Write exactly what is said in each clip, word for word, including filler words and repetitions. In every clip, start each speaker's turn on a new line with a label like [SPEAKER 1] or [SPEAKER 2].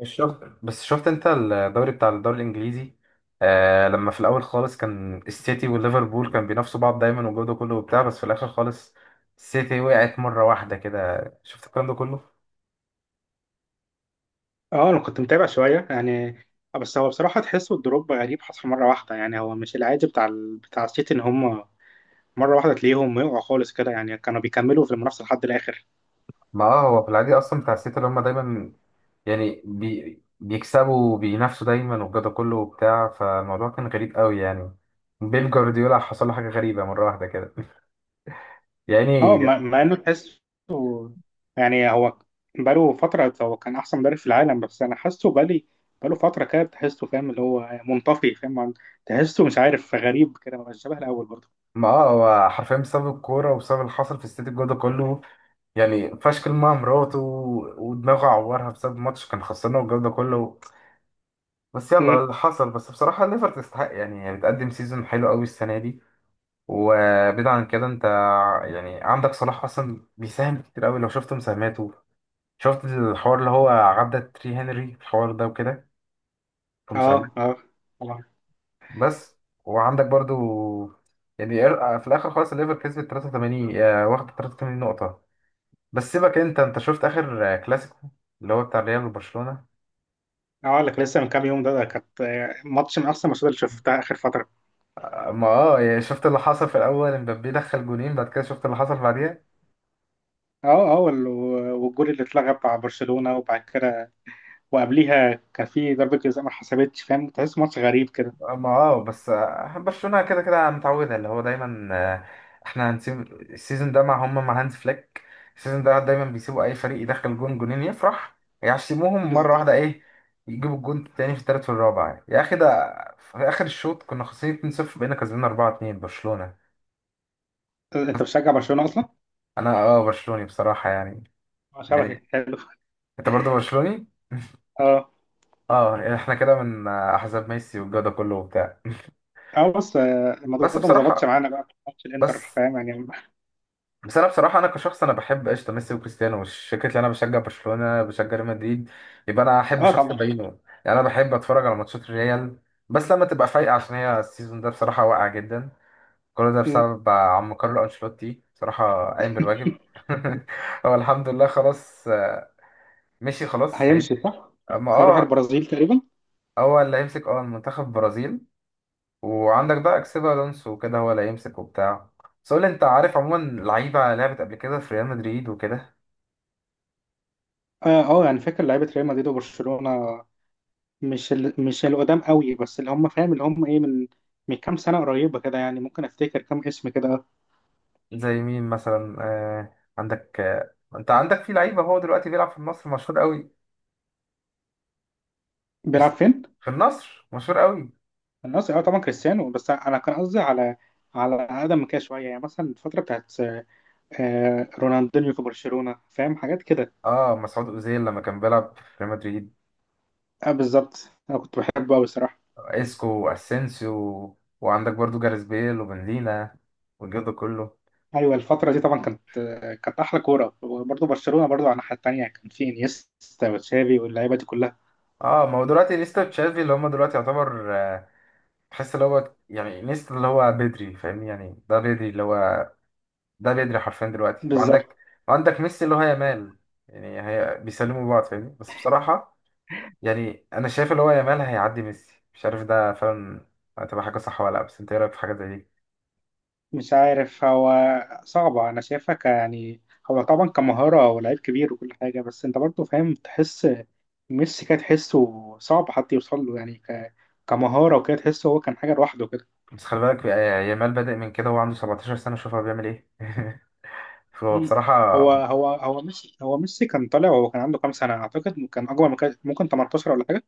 [SPEAKER 1] مش شفت، بس شفت انت الدوري بتاع الدوري الانجليزي. آه لما في الاول خالص كان السيتي والليفربول كان بينافسوا بعض دايما وجوده كله وبتاع، بس في الاخر خالص السيتي وقعت مره واحده كده، شفت الكلام ده كله.
[SPEAKER 2] اه، انا كنت متابع شويه يعني. آه، بس هو بصراحه تحسه الدروب غريب، حصل مره واحده. يعني هو مش العادي بتاع ال... بتاع السيتي ان هم مره واحده تلاقيهم يقعوا خالص كده. يعني كانوا بيكملوا في المنافسه لحد الاخر.
[SPEAKER 1] ما اه هو في العادي اصلا بتاع السيتي اللي هم دايما يعني بي بيكسبوا وبينافسوا دايما وجوده كله وبتاع، فالموضوع كان غريب قوي يعني. بيب جوارديولا حصل له حاجه غريبه مره واحده كده يعني.
[SPEAKER 2] اه، مع مع انه تحسه. يعني هو بقاله فتره هو كان احسن مدرب في العالم، بس انا حاسه بقالي بقاله فتره كده تحسه، فاهم؟ اللي هو منطفي، فاهم. عن- تحسه مش عارف، غريب كده، مبقاش شبه الاول برضه.
[SPEAKER 1] ما اه هو حرفيا بسبب الكوره وبسبب اللي حصل في السيتي الجو ده كله، يعني فشكل مع مراته و- ودماغه عورها بسبب ماتش كان خسرنا والجو ده كله. بس يلا
[SPEAKER 2] امم
[SPEAKER 1] اللي حصل، بس بصراحة ليفر تستحق يعني، هي بتقدم سيزون حلو قوي السنة دي. وبعيد عن كده انت يعني عندك صلاح اصلا بيساهم كتير قوي، لو شفت مساهماته. شفت الحوار اللي هو عدى تري هنري الحوار ده وكده، في
[SPEAKER 2] اه،
[SPEAKER 1] مساهمات.
[SPEAKER 2] اه، والله.
[SPEAKER 1] بس وعندك برضو يعني، ار- في الاخر خالص الليفر كسبت ثلاثة وثمانين، آه، واخد 83 نقطة. بس سيبك انت، انت شفت اخر آه، كلاسيكو اللي هو بتاع ريال وبرشلونة؟
[SPEAKER 2] اه، لك لسه من كام يوم، ده, ده كانت آه، ماتش من احسن الماتشات اللي شفتها اخر فتره.
[SPEAKER 1] ما اه يعني شفت اللي حصل في الاول، امبابي دخل جونين، بعد كده شفت اللي حصل بعديها.
[SPEAKER 2] اه، اه، وال- والجول اللي اتلغى بتاع برشلونة، وبعد كده وقبليها كان في ضربة جزاء ما حسبتش، فاهم؟ تحس ماتش غريب كده.
[SPEAKER 1] ما اه بس آه، برشلونة كده كده متعودة اللي هو دايما. آه، احنا هنسيب السيزون ده مع هم مع هانز فليك. السيزون ده دايما بيسيبوا اي فريق يدخل جون جونين يفرح، يعشموهم مرة واحدة،
[SPEAKER 2] بالظبط.
[SPEAKER 1] ايه، يجيبوا الجون التاني في التالت والرابع يعني. يا اخي ده في اخر الشوط كنا خسرانين اثنين صفر، بقينا كسبانين أربعة اثنين برشلونة.
[SPEAKER 2] انت بتشجع برشلونة اصلا؟
[SPEAKER 1] انا اه برشلوني بصراحة يعني.
[SPEAKER 2] اه، شبهي
[SPEAKER 1] يعني
[SPEAKER 2] حلو.
[SPEAKER 1] انت برضه برشلوني؟
[SPEAKER 2] اه،
[SPEAKER 1] اه يعني احنا كده من آه، احزاب ميسي والجو ده كله وبتاع.
[SPEAKER 2] اه، بص، آه، الموضوع
[SPEAKER 1] بس
[SPEAKER 2] ده ما ظبطش
[SPEAKER 1] بصراحة،
[SPEAKER 2] معانا بقى في ماتش
[SPEAKER 1] بس
[SPEAKER 2] الانتر، فاهم يعني.
[SPEAKER 1] بس أنا بصراحة، أنا كشخص أنا بحب قشطة ميسي وكريستيانو، مش فكرة إن أنا بشجع برشلونة بشجع ريال مدريد يبقى أنا أحب
[SPEAKER 2] اه،
[SPEAKER 1] شخص
[SPEAKER 2] طبعا.
[SPEAKER 1] بعينه. يعني أنا بحب أتفرج على ماتشات الريال بس لما تبقى فايقة، عشان هي السيزون ده بصراحة واقع جدا. كل ده
[SPEAKER 2] مم.
[SPEAKER 1] بسبب عم كارلو أنشيلوتي، بصراحة قايم بالواجب. هو الحمد لله خلاص، مشي، خلاص هيمشي.
[SPEAKER 2] هيمشي، صح؟
[SPEAKER 1] أما
[SPEAKER 2] هيروح
[SPEAKER 1] أه.
[SPEAKER 2] البرازيل تقريبا.
[SPEAKER 1] هو اللي هيمسك أه المنتخب البرازيل. وعندك بقى اكسبي الونسو وكده هو اللي هيمسك وبتاع. بس قول لي، انت عارف عموما لعيبه لعبت قبل كده في ريال مدريد وكده؟
[SPEAKER 2] اه، اه، يعني فاكر لعيبة ريال مدريد وبرشلونة. مش ال... مش القدام قوي، بس اللي هم، فاهم؟ اللي هم ايه من من كام سنة قريبة كده، يعني ممكن افتكر كام اسم كده. اه.
[SPEAKER 1] زي مين مثلا، آه عندك، آه انت عندك في لعيبه هو دلوقتي بيلعب في مصر مشهور قوي.
[SPEAKER 2] بيلعب
[SPEAKER 1] كريس-
[SPEAKER 2] فين؟
[SPEAKER 1] في النصر مشهور قوي.
[SPEAKER 2] الناس، اه طبعا كريستيانو، بس انا كان قصدي على على اقدم من كده شويه، يعني مثلا الفتره بتاعت آه، رونالدينيو في برشلونه، فاهم حاجات كده.
[SPEAKER 1] اه، مسعود اوزيل لما كان بيلعب في ريال مدريد.
[SPEAKER 2] اه، بالظبط، انا كنت بحبه قوي الصراحه.
[SPEAKER 1] اسكو واسينسيو، وعندك برضو جاريث بيل وبنزيما والجو ده كله.
[SPEAKER 2] ايوه، الفتره دي طبعا كانت آه، كانت احلى كوره، وبرضه برشلونه برضه على الناحيه التانيه كان في انيستا وتشافي واللعيبه دي كلها.
[SPEAKER 1] اه ما هو دلوقتي نيستا وتشافي اللي هم دلوقتي يعتبر آه، تحس اللي هو يعني نيستا اللي هو بدري فاهمني، يعني ده بدري اللي هو، ده بدري حرفيا دلوقتي. وعندك،
[SPEAKER 2] بالظبط.
[SPEAKER 1] وعندك ميسي اللي هو يامال، يعني هي بيسلموا بعض فاهمني. بس بصراحة يعني، أنا شايف اللي هو يامال هيعدي ميسي، مش عارف ده فعلا هتبقى حاجة صح ولا لأ، بس أنت إيه رأيك في حاجة زي دي؟
[SPEAKER 2] مش عارف، هو صعبه، انا شايفها، ك- يعني هو طبعا كمهاره ولاعيب كبير وكل حاجه، بس انت برضه فاهم، تحس ميسي كده، تحسه صعب حد يوصل له، يعني ك... كمهارة وكده، تحسه هو كان حاجة لوحده كده.
[SPEAKER 1] بس خلي بالك آه، يامال بادئ من كده وهو عنده 17 سنة، شوف هو بيعمل إيه. فهو
[SPEAKER 2] مم.
[SPEAKER 1] بصراحة.
[SPEAKER 2] هو هو هو ميسي هو ميسي كان طالع، وهو كان عنده كام سنة؟ أعتقد كان أكبر من كده، ممكن تمنتاشر ولا حاجة.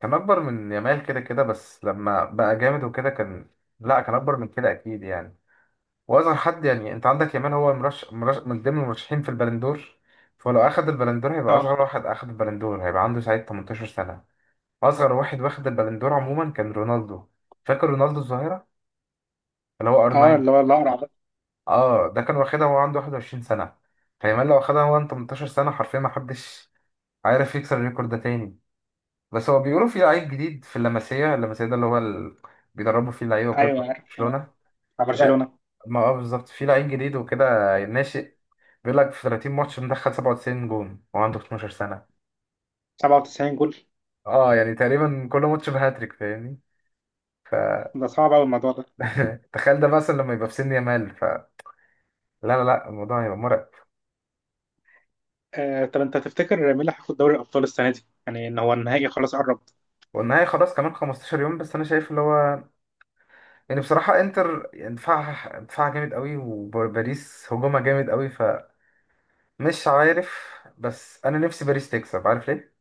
[SPEAKER 1] كان أكبر من يامال كده كده بس لما بقى جامد وكده كان لأ، كان أكبر من كده أكيد يعني. واصغر حد يعني، انت عندك يامال هو مرش... مرش... من ضمن المرشحين في البلندور، فلو اخد البلندور هيبقى
[SPEAKER 2] اه،
[SPEAKER 1] اصغر واحد اخد البلندور، هيبقى عنده ساعتها تمنتاشر سنة سنه. اصغر واحد واخد البلندور عموما كان رونالدو، فاكر رونالدو الظاهره اللي هو ار تسعة؟
[SPEAKER 2] اه، اللي هو الأقرع ده.
[SPEAKER 1] اه ده كان واخدها وهو عنده واحد وعشرين سنة سنه، فيامال لو اخدها وهو عنده تمنتاشر سنة سنه حرفيا ما حدش عارف يكسر الريكورد ده تاني. بس هو بيقولوا في لعيب جديد في اللمسيه اللمسيه ده اللي هو ال... بيدربوا فيه اللعيبه وكده بتاع
[SPEAKER 2] أيوه عارف. آه.
[SPEAKER 1] برشلونه.
[SPEAKER 2] بتاع
[SPEAKER 1] في لع-
[SPEAKER 2] برشلونة
[SPEAKER 1] ما اه بالظبط، في لعيب جديد وكده ناشئ، بيقول لك في تلاتين ماتش مدخل 97 جون، هو عنده 12 سنة.
[SPEAKER 2] سبعة وتسعين جول.
[SPEAKER 1] اه يعني تقريبا كل ماتش بهاتريك فاهمني.
[SPEAKER 2] ده صعب أوي الموضوع ده.
[SPEAKER 1] فتخيل ده مثلا لما يبقى في سن يامال، فلا، لا لا لا، الموضوع هيبقى مرعب.
[SPEAKER 2] آه طب أنت تفتكر مين اللي هياخد دوري الأبطال السنة دي؟ يعني إن هو النهائي خلاص قرب.
[SPEAKER 1] والنهائي خلاص كمان 15 يوم. بس انا شايف اللي هو يعني، بصراحة انتر دفاعها دفاعها جامد قوي، وباريس هجومها جامد قوي، فمش عارف. بس انا نفسي باريس تكسب، عارف ليه؟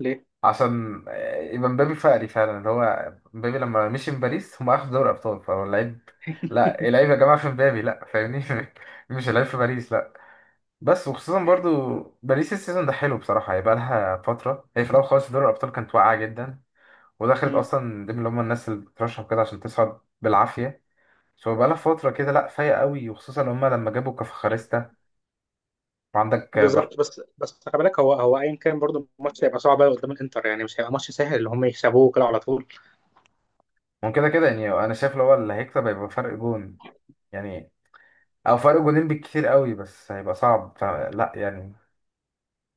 [SPEAKER 2] ليه؟
[SPEAKER 1] عشان آه، يبقى مبابي فقري فعلا. اللي هو مبابي لما مشي من باريس هم اخدوا دوري ابطال، فهو اللعيب. لا، اللعيب يا جماعه في مبابي، لا، فاهمني. مش اللعيب في باريس، لا. بس وخصوصا برضو، باريس السيزون ده حلو بصراحه، هيبقى لها فتره. هي في الاول خالص دوري الابطال كانت واقعه جدا، ودخلت
[SPEAKER 2] مم.
[SPEAKER 1] اصلا ضمن اللي هم الناس اللي بترشح كده عشان تصعد بالعافيه. سو بقى لها فتره كده، لا فايقه قوي، وخصوصا هم لما جابوا كفخاريستا. وعندك آه، بر
[SPEAKER 2] بالظبط، بس بس خلي بالك هو هو أيا كان برضه الماتش هيبقى صعب أوي قدام الإنتر، يعني مش هيبقى ماتش سهل اللي هم يكسبوه كده على طول.
[SPEAKER 1] وكده كده يعني، انا شايف اللي هو اللي هيكسب هيبقى فرق جون يعني، او فرق جولين بالكتير قوي. بس هيبقى صعب، فلا يعني.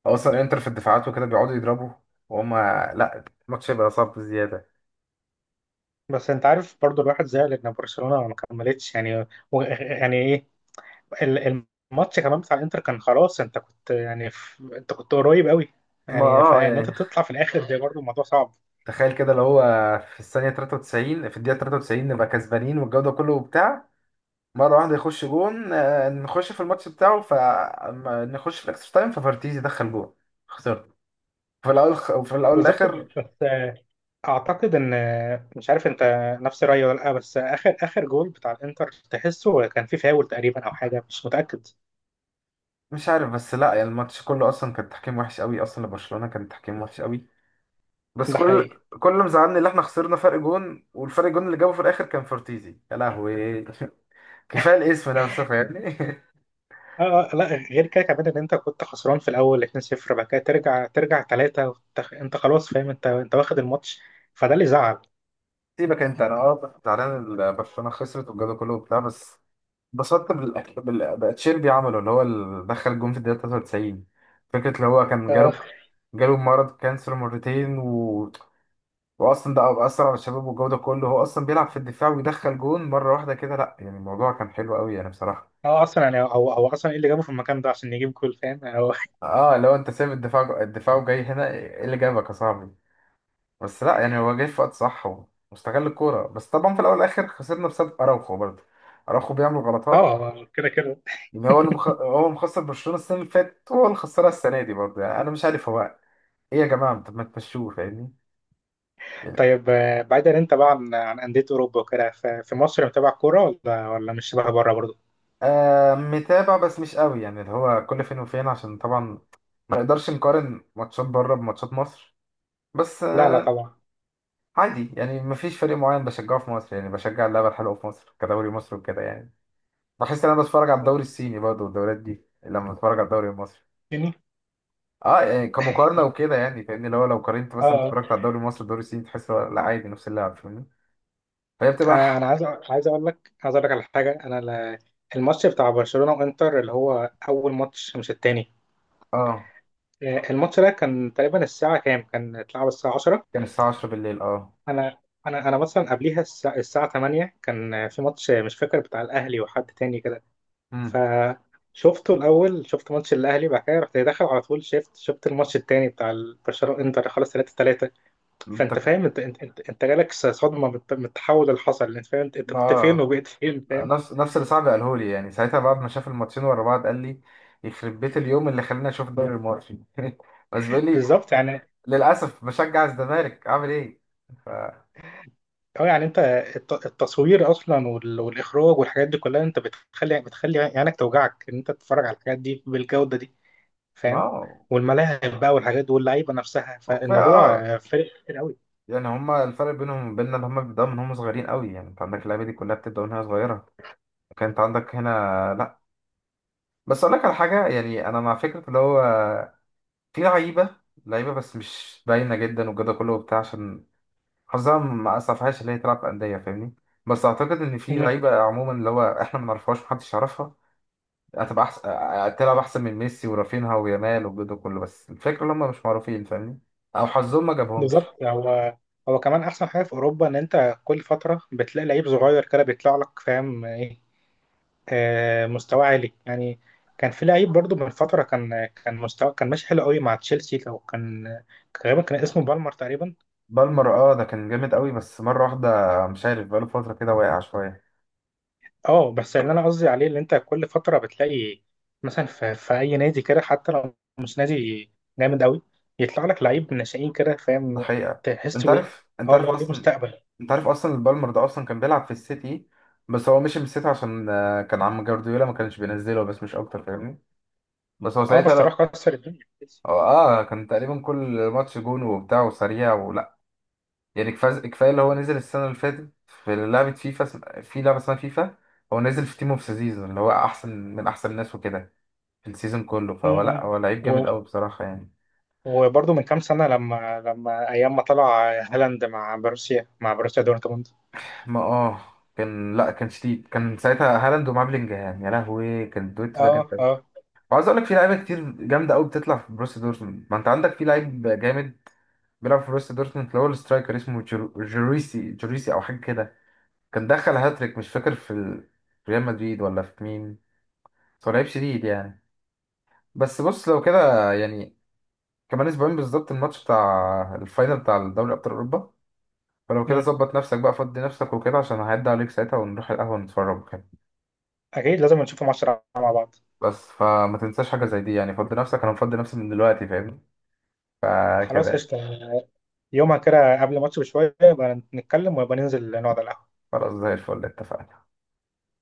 [SPEAKER 1] اصلا انتر في الدفاعات وكده بيقعدوا يضربوا، وهم، لا، الماتش هيبقى صعب بزياده.
[SPEAKER 2] بس انت عارف برضو، الواحد زعل ان برشلونه ما كملتش، يعني و... يعني ايه ال- الماتش كمان بتاع الانتر كان خلاص، انت كنت يعني في... انت كنت قريب قوي،
[SPEAKER 1] ما
[SPEAKER 2] يعني
[SPEAKER 1] اه
[SPEAKER 2] فان انت
[SPEAKER 1] يعني
[SPEAKER 2] تطلع في الاخر ده برضو الموضوع صعب.
[SPEAKER 1] تخيل كده، لو هو في الثانيه تلاتة وتسعين في الدقيقه تلاتة وتسعين نبقى كسبانين والجو ده كله وبتاع، مره واحده يخش جون، آه، نخش في الماتش بتاعه، فنخش في الاكسترا تايم، ففارتيز يدخل جون، خسرت في الاول، وفي الاول
[SPEAKER 2] بالظبط،
[SPEAKER 1] والاخر.
[SPEAKER 2] بس آه، اعتقد ان آه، مش عارف انت نفس رايي ولا لا، بس اخر اخر جول بتاع الانتر تحسه كان فيه فاول تقريبا، او حاجه، مش متاكد.
[SPEAKER 1] مش عارف، بس لا يعني الماتش كله اصلا كان تحكيم وحش قوي، اصلا لبرشلونه كان تحكيم وحش قوي. بس
[SPEAKER 2] ده
[SPEAKER 1] كل،
[SPEAKER 2] حقيقي.
[SPEAKER 1] كل اللي مزعلني اللي احنا خسرنا فرق جون، والفرق جون اللي جابه في الاخر كان فورتيزي، يا لهوي. كفايه الاسم نفسه فاهمني.
[SPEAKER 2] اه، اه، لا. غير كده كمان ان انت كنت خسران في الاول اتنين صفر، بعد كده ترجع ترجع تلاتة وت- انت خلاص فاهم، انت انت واخد الماتش. فده اللي زعل.
[SPEAKER 1] سيبك انت، انا اه زعلان ال- برشلونه خسرت والجو ده كله وبتاع، بس اتبسطت بالأك- بال بقى تشيربي عمله اللي هو اللي دخل الجون في الدقيقه تلاتة وتسعين. فكره اللي هو كان
[SPEAKER 2] اه،
[SPEAKER 1] جاله، جاله مرض كانسر مرتين، و... واصلا ده اثر على الشباب والجو ده كله، هو اصلا بيلعب في الدفاع ويدخل جون مره واحده كده، لا يعني الموضوع كان حلو قوي يعني بصراحه.
[SPEAKER 2] آه، اصلا يعني هو هو اصلا ايه اللي جابه في المكان ده عشان يجيب جول؟ فاهم يعني هو-
[SPEAKER 1] اه، لو انت سايب الدفاع، الدفاع، وجاي هنا ايه اللي جابك يا صاحبي؟ بس لا يعني هو جاي في وقت صح، و- واستغل الكوره. بس طبعا في الاول والاخر خسرنا بسبب اراوخو برضه، اراوخو بيعمل غلطات.
[SPEAKER 2] اه، كده كده.
[SPEAKER 1] يعني هو اللي مخ... هو اللي مخسر برشلونه السنه اللي فاتت وهو اللي خسرها السنه دي برضه، يعني انا مش عارف هو ايه يا جماعه، طب ما تمشوه فاهمني يعني.
[SPEAKER 2] طيب، آه، بعيدا انت بقى عن عن انديه اوروبا وكده، ف- في مصر متابع كوره، ولا ولا مش شبه بره برضه؟
[SPEAKER 1] آه متابع بس مش قوي، يعني اللي هو كل فين وفين، عشان طبعا ما نقدرش نقارن ماتشات بره بماتشات مصر، بس،
[SPEAKER 2] لا، لا، طبعا.
[SPEAKER 1] عادي يعني. مفيش فريق معين بشجعه في مصر، يعني بشجع اللعبة الحلوة في مصر كدوري مصر وكده يعني. بحس ان انا بتفرج على الدوري الصيني برضه، والدوريات دي لما بتفرج على الدوري المصري،
[SPEAKER 2] يعني
[SPEAKER 1] اه يعني كمقارنة وكده يعني فاهمني، اللي هو لو قارنت مثلا
[SPEAKER 2] اه،
[SPEAKER 1] اتفرجت على الدوري المصري والدوري الصيني تحس هو، لا، عادي، نفس اللعب فاهمني. فهي بتبقى
[SPEAKER 2] انا
[SPEAKER 1] ح-
[SPEAKER 2] انا عايز أ- عايز اقول لك عايز اقول لك على حاجه. انا ال- الماتش بتاع برشلونه وانتر، اللي هو اول ماتش مش التاني.
[SPEAKER 1] اه،
[SPEAKER 2] آه، الماتش ده كان تقريبا الساعة كام؟ كان اتلعب الساعة عشرة.
[SPEAKER 1] كان الساعة عشرة بالليل، اه.
[SPEAKER 2] أنا أنا أنا مثلا قبليها الساعة, الساعة تمانية كان آه، في ماتش آه، مش فاكر بتاع الأهلي وحد تاني كده.
[SPEAKER 1] امم.
[SPEAKER 2] فشفته الأول، شفت ماتش الأهلي، بعد كده رحت داخل على طول شفت شفت الماتش التاني بتاع البرشلونة إنتر، خلاص تلاتة تلاتة. فأنت
[SPEAKER 1] انت،
[SPEAKER 2] فاهم، أنت أنت أنت, أنت جالك صدمة من الت- من التحول اللي حصل، أنت فاهم أنت أنت كنت فين
[SPEAKER 1] اه،
[SPEAKER 2] وبقيت فين، فاهم.
[SPEAKER 1] نفس نفس اللي صاحبي قاله لي يعني، ساعتها بعد ما شاف الماتشين ورا بعض قال لي: يخرب بيت اليوم اللي خلاني اشوف الدوري المصري. بس بيقول لي:
[SPEAKER 2] بالظبط، يعني.
[SPEAKER 1] للأسف بشجع الزمالك، أعمل إيه؟ ف.
[SPEAKER 2] اه، يعني انت الت- التصوير اصلا وال- والاخراج والحاجات دي كلها، انت بتخلي بتخلي عينك توجعك ان انت تتفرج على الحاجات دي بالجوده دي،
[SPEAKER 1] ما
[SPEAKER 2] فاهم.
[SPEAKER 1] هو،
[SPEAKER 2] والملاعب بقى والحاجات دي واللعيبه نفسها،
[SPEAKER 1] هو كفاية
[SPEAKER 2] فالموضوع
[SPEAKER 1] أه،
[SPEAKER 2] آه، فارق كتير قوي.
[SPEAKER 1] يعني هما الفرق بينهم وبيننا إن هما بيبدأوا من هما صغيرين قوي، يعني أنت عندك اللعيبة دي كلها بتبدأ من وهي صغيرة. وكان أنت عندك هنا. لأ، بس أقول لك على حاجة، يعني أنا مع فكرة اللي هو في لعيبة، لعيبة بس مش باينة جدا والجو ده كله وبتاع، عشان حظها ما أسعفهاش اللي هي تلعب في أندية، فاهمني. بس أعتقد إن في
[SPEAKER 2] مم.
[SPEAKER 1] لعيبة عموما اللي هو إحنا ما نعرفهاش محدش يعرفها، هتبقى احسن، تلعب احسن من ميسي ورافينها ويامال والجو ده كله، بس الفكره ان هم مش معروفين فاهمني، او حظهم ما جابهمش.
[SPEAKER 2] بالظبط، هو هو كمان احسن حاجه في اوروبا، ان انت كل فتره بتلاقي لعيب صغير كده بيطلع لك، فاهم ايه، آه، مستوى عالي يعني. كان في لعيب برضو من فتره، كان كان مستوى، كان ماشي حلو قوي مع تشيلسي، او كان كان غالبا كان اسمه بالمر تقريبا.
[SPEAKER 1] بالمر، اه، ده كان جامد قوي، بس مره واحده مش عارف بقاله فتره كده واقع شويه.
[SPEAKER 2] اه، بس اللي انا قصدي عليه اللي انت كل فتره بتلاقي مثلا في, في اي نادي كده، حتى لو مش نادي جامد قوي، يطلع لك لعيب ناشئين كده،
[SPEAKER 1] ده
[SPEAKER 2] فاهم
[SPEAKER 1] حقيقه. انت
[SPEAKER 2] تحسه ايه،
[SPEAKER 1] عارف، انت
[SPEAKER 2] اه،
[SPEAKER 1] عارف
[SPEAKER 2] لو ليه
[SPEAKER 1] اصلا،
[SPEAKER 2] مستقبل.
[SPEAKER 1] انت عارف اصلا البالمر ده اصلا كان بيلعب في السيتي، بس هو مشي من السيتي عشان آه، كان عم جوارديولا ما كانش بينزله بس، مش اكتر فاهمني. بس هو
[SPEAKER 2] اه،
[SPEAKER 1] ساعتها
[SPEAKER 2] بس
[SPEAKER 1] لا،
[SPEAKER 2] راح كسر الدنيا.
[SPEAKER 1] اه، آه، كان تقريبا كل ماتش جون وبتاع، وسريع يعني. كفاز- كفايه اللي هو نزل السنه اللي فاتت في لعبه فيفا، اسم- في لعبه اسمها فيفا، هو نزل في تيم اوف ذا سيزون اللي هو احسن، من احسن الناس وكده في السيزون كله،
[SPEAKER 2] م-
[SPEAKER 1] فهو لا،
[SPEAKER 2] م.
[SPEAKER 1] هو لعيب جامد
[SPEAKER 2] و-
[SPEAKER 1] قوي بصراحه يعني.
[SPEAKER 2] وبرضه من كام سنه، لما لما ايام ما طلع هالاند مع بروسيا مع بروسيا دورتموند.
[SPEAKER 1] ما اه كان لا كان شديد، كان ساعتها هالاند ومعاه بلينجهام، يا لهوي، كان الدويتو ده جامد
[SPEAKER 2] اه،
[SPEAKER 1] قوي.
[SPEAKER 2] اه.
[SPEAKER 1] وعاوز اقول لك في لعيبه كتير جامده قوي بتطلع في بروسيا دورتموند، ما انت عندك في لعيب جامد بيلعب في بروسيا دورتموند اللي هو السترايكر اسمه جرو- جوريسي، جوريسي او حاجه كده، كان دخل هاتريك مش فاكر في ال- في ريال مدريد ولا في مين، بس هو لعيب شديد يعني. بس بص، لو كده يعني كمان اسبوعين بالظبط الماتش بتاع الفاينل بتاع دوري ابطال اوروبا، فلو كده
[SPEAKER 2] م.
[SPEAKER 1] ظبط نفسك بقى، فضي نفسك وكده، عشان هعدي عليك ساعتها ونروح القهوة نتفرج وكده.
[SPEAKER 2] اكيد لازم نشوف ماتش مع بعض.
[SPEAKER 1] بس فما تنساش حاجة زي دي، يعني فضي نفسك، انا مفضي نفسي من دلوقتي فاهمني، فكده
[SPEAKER 2] خلاص،
[SPEAKER 1] يعني.
[SPEAKER 2] قشطه. يومها كده قبل الماتش بشويه يبقى نتكلم، ويبقى ننزل نقعد على القهوه.
[SPEAKER 1] خلاص زي الفل، اتفقنا.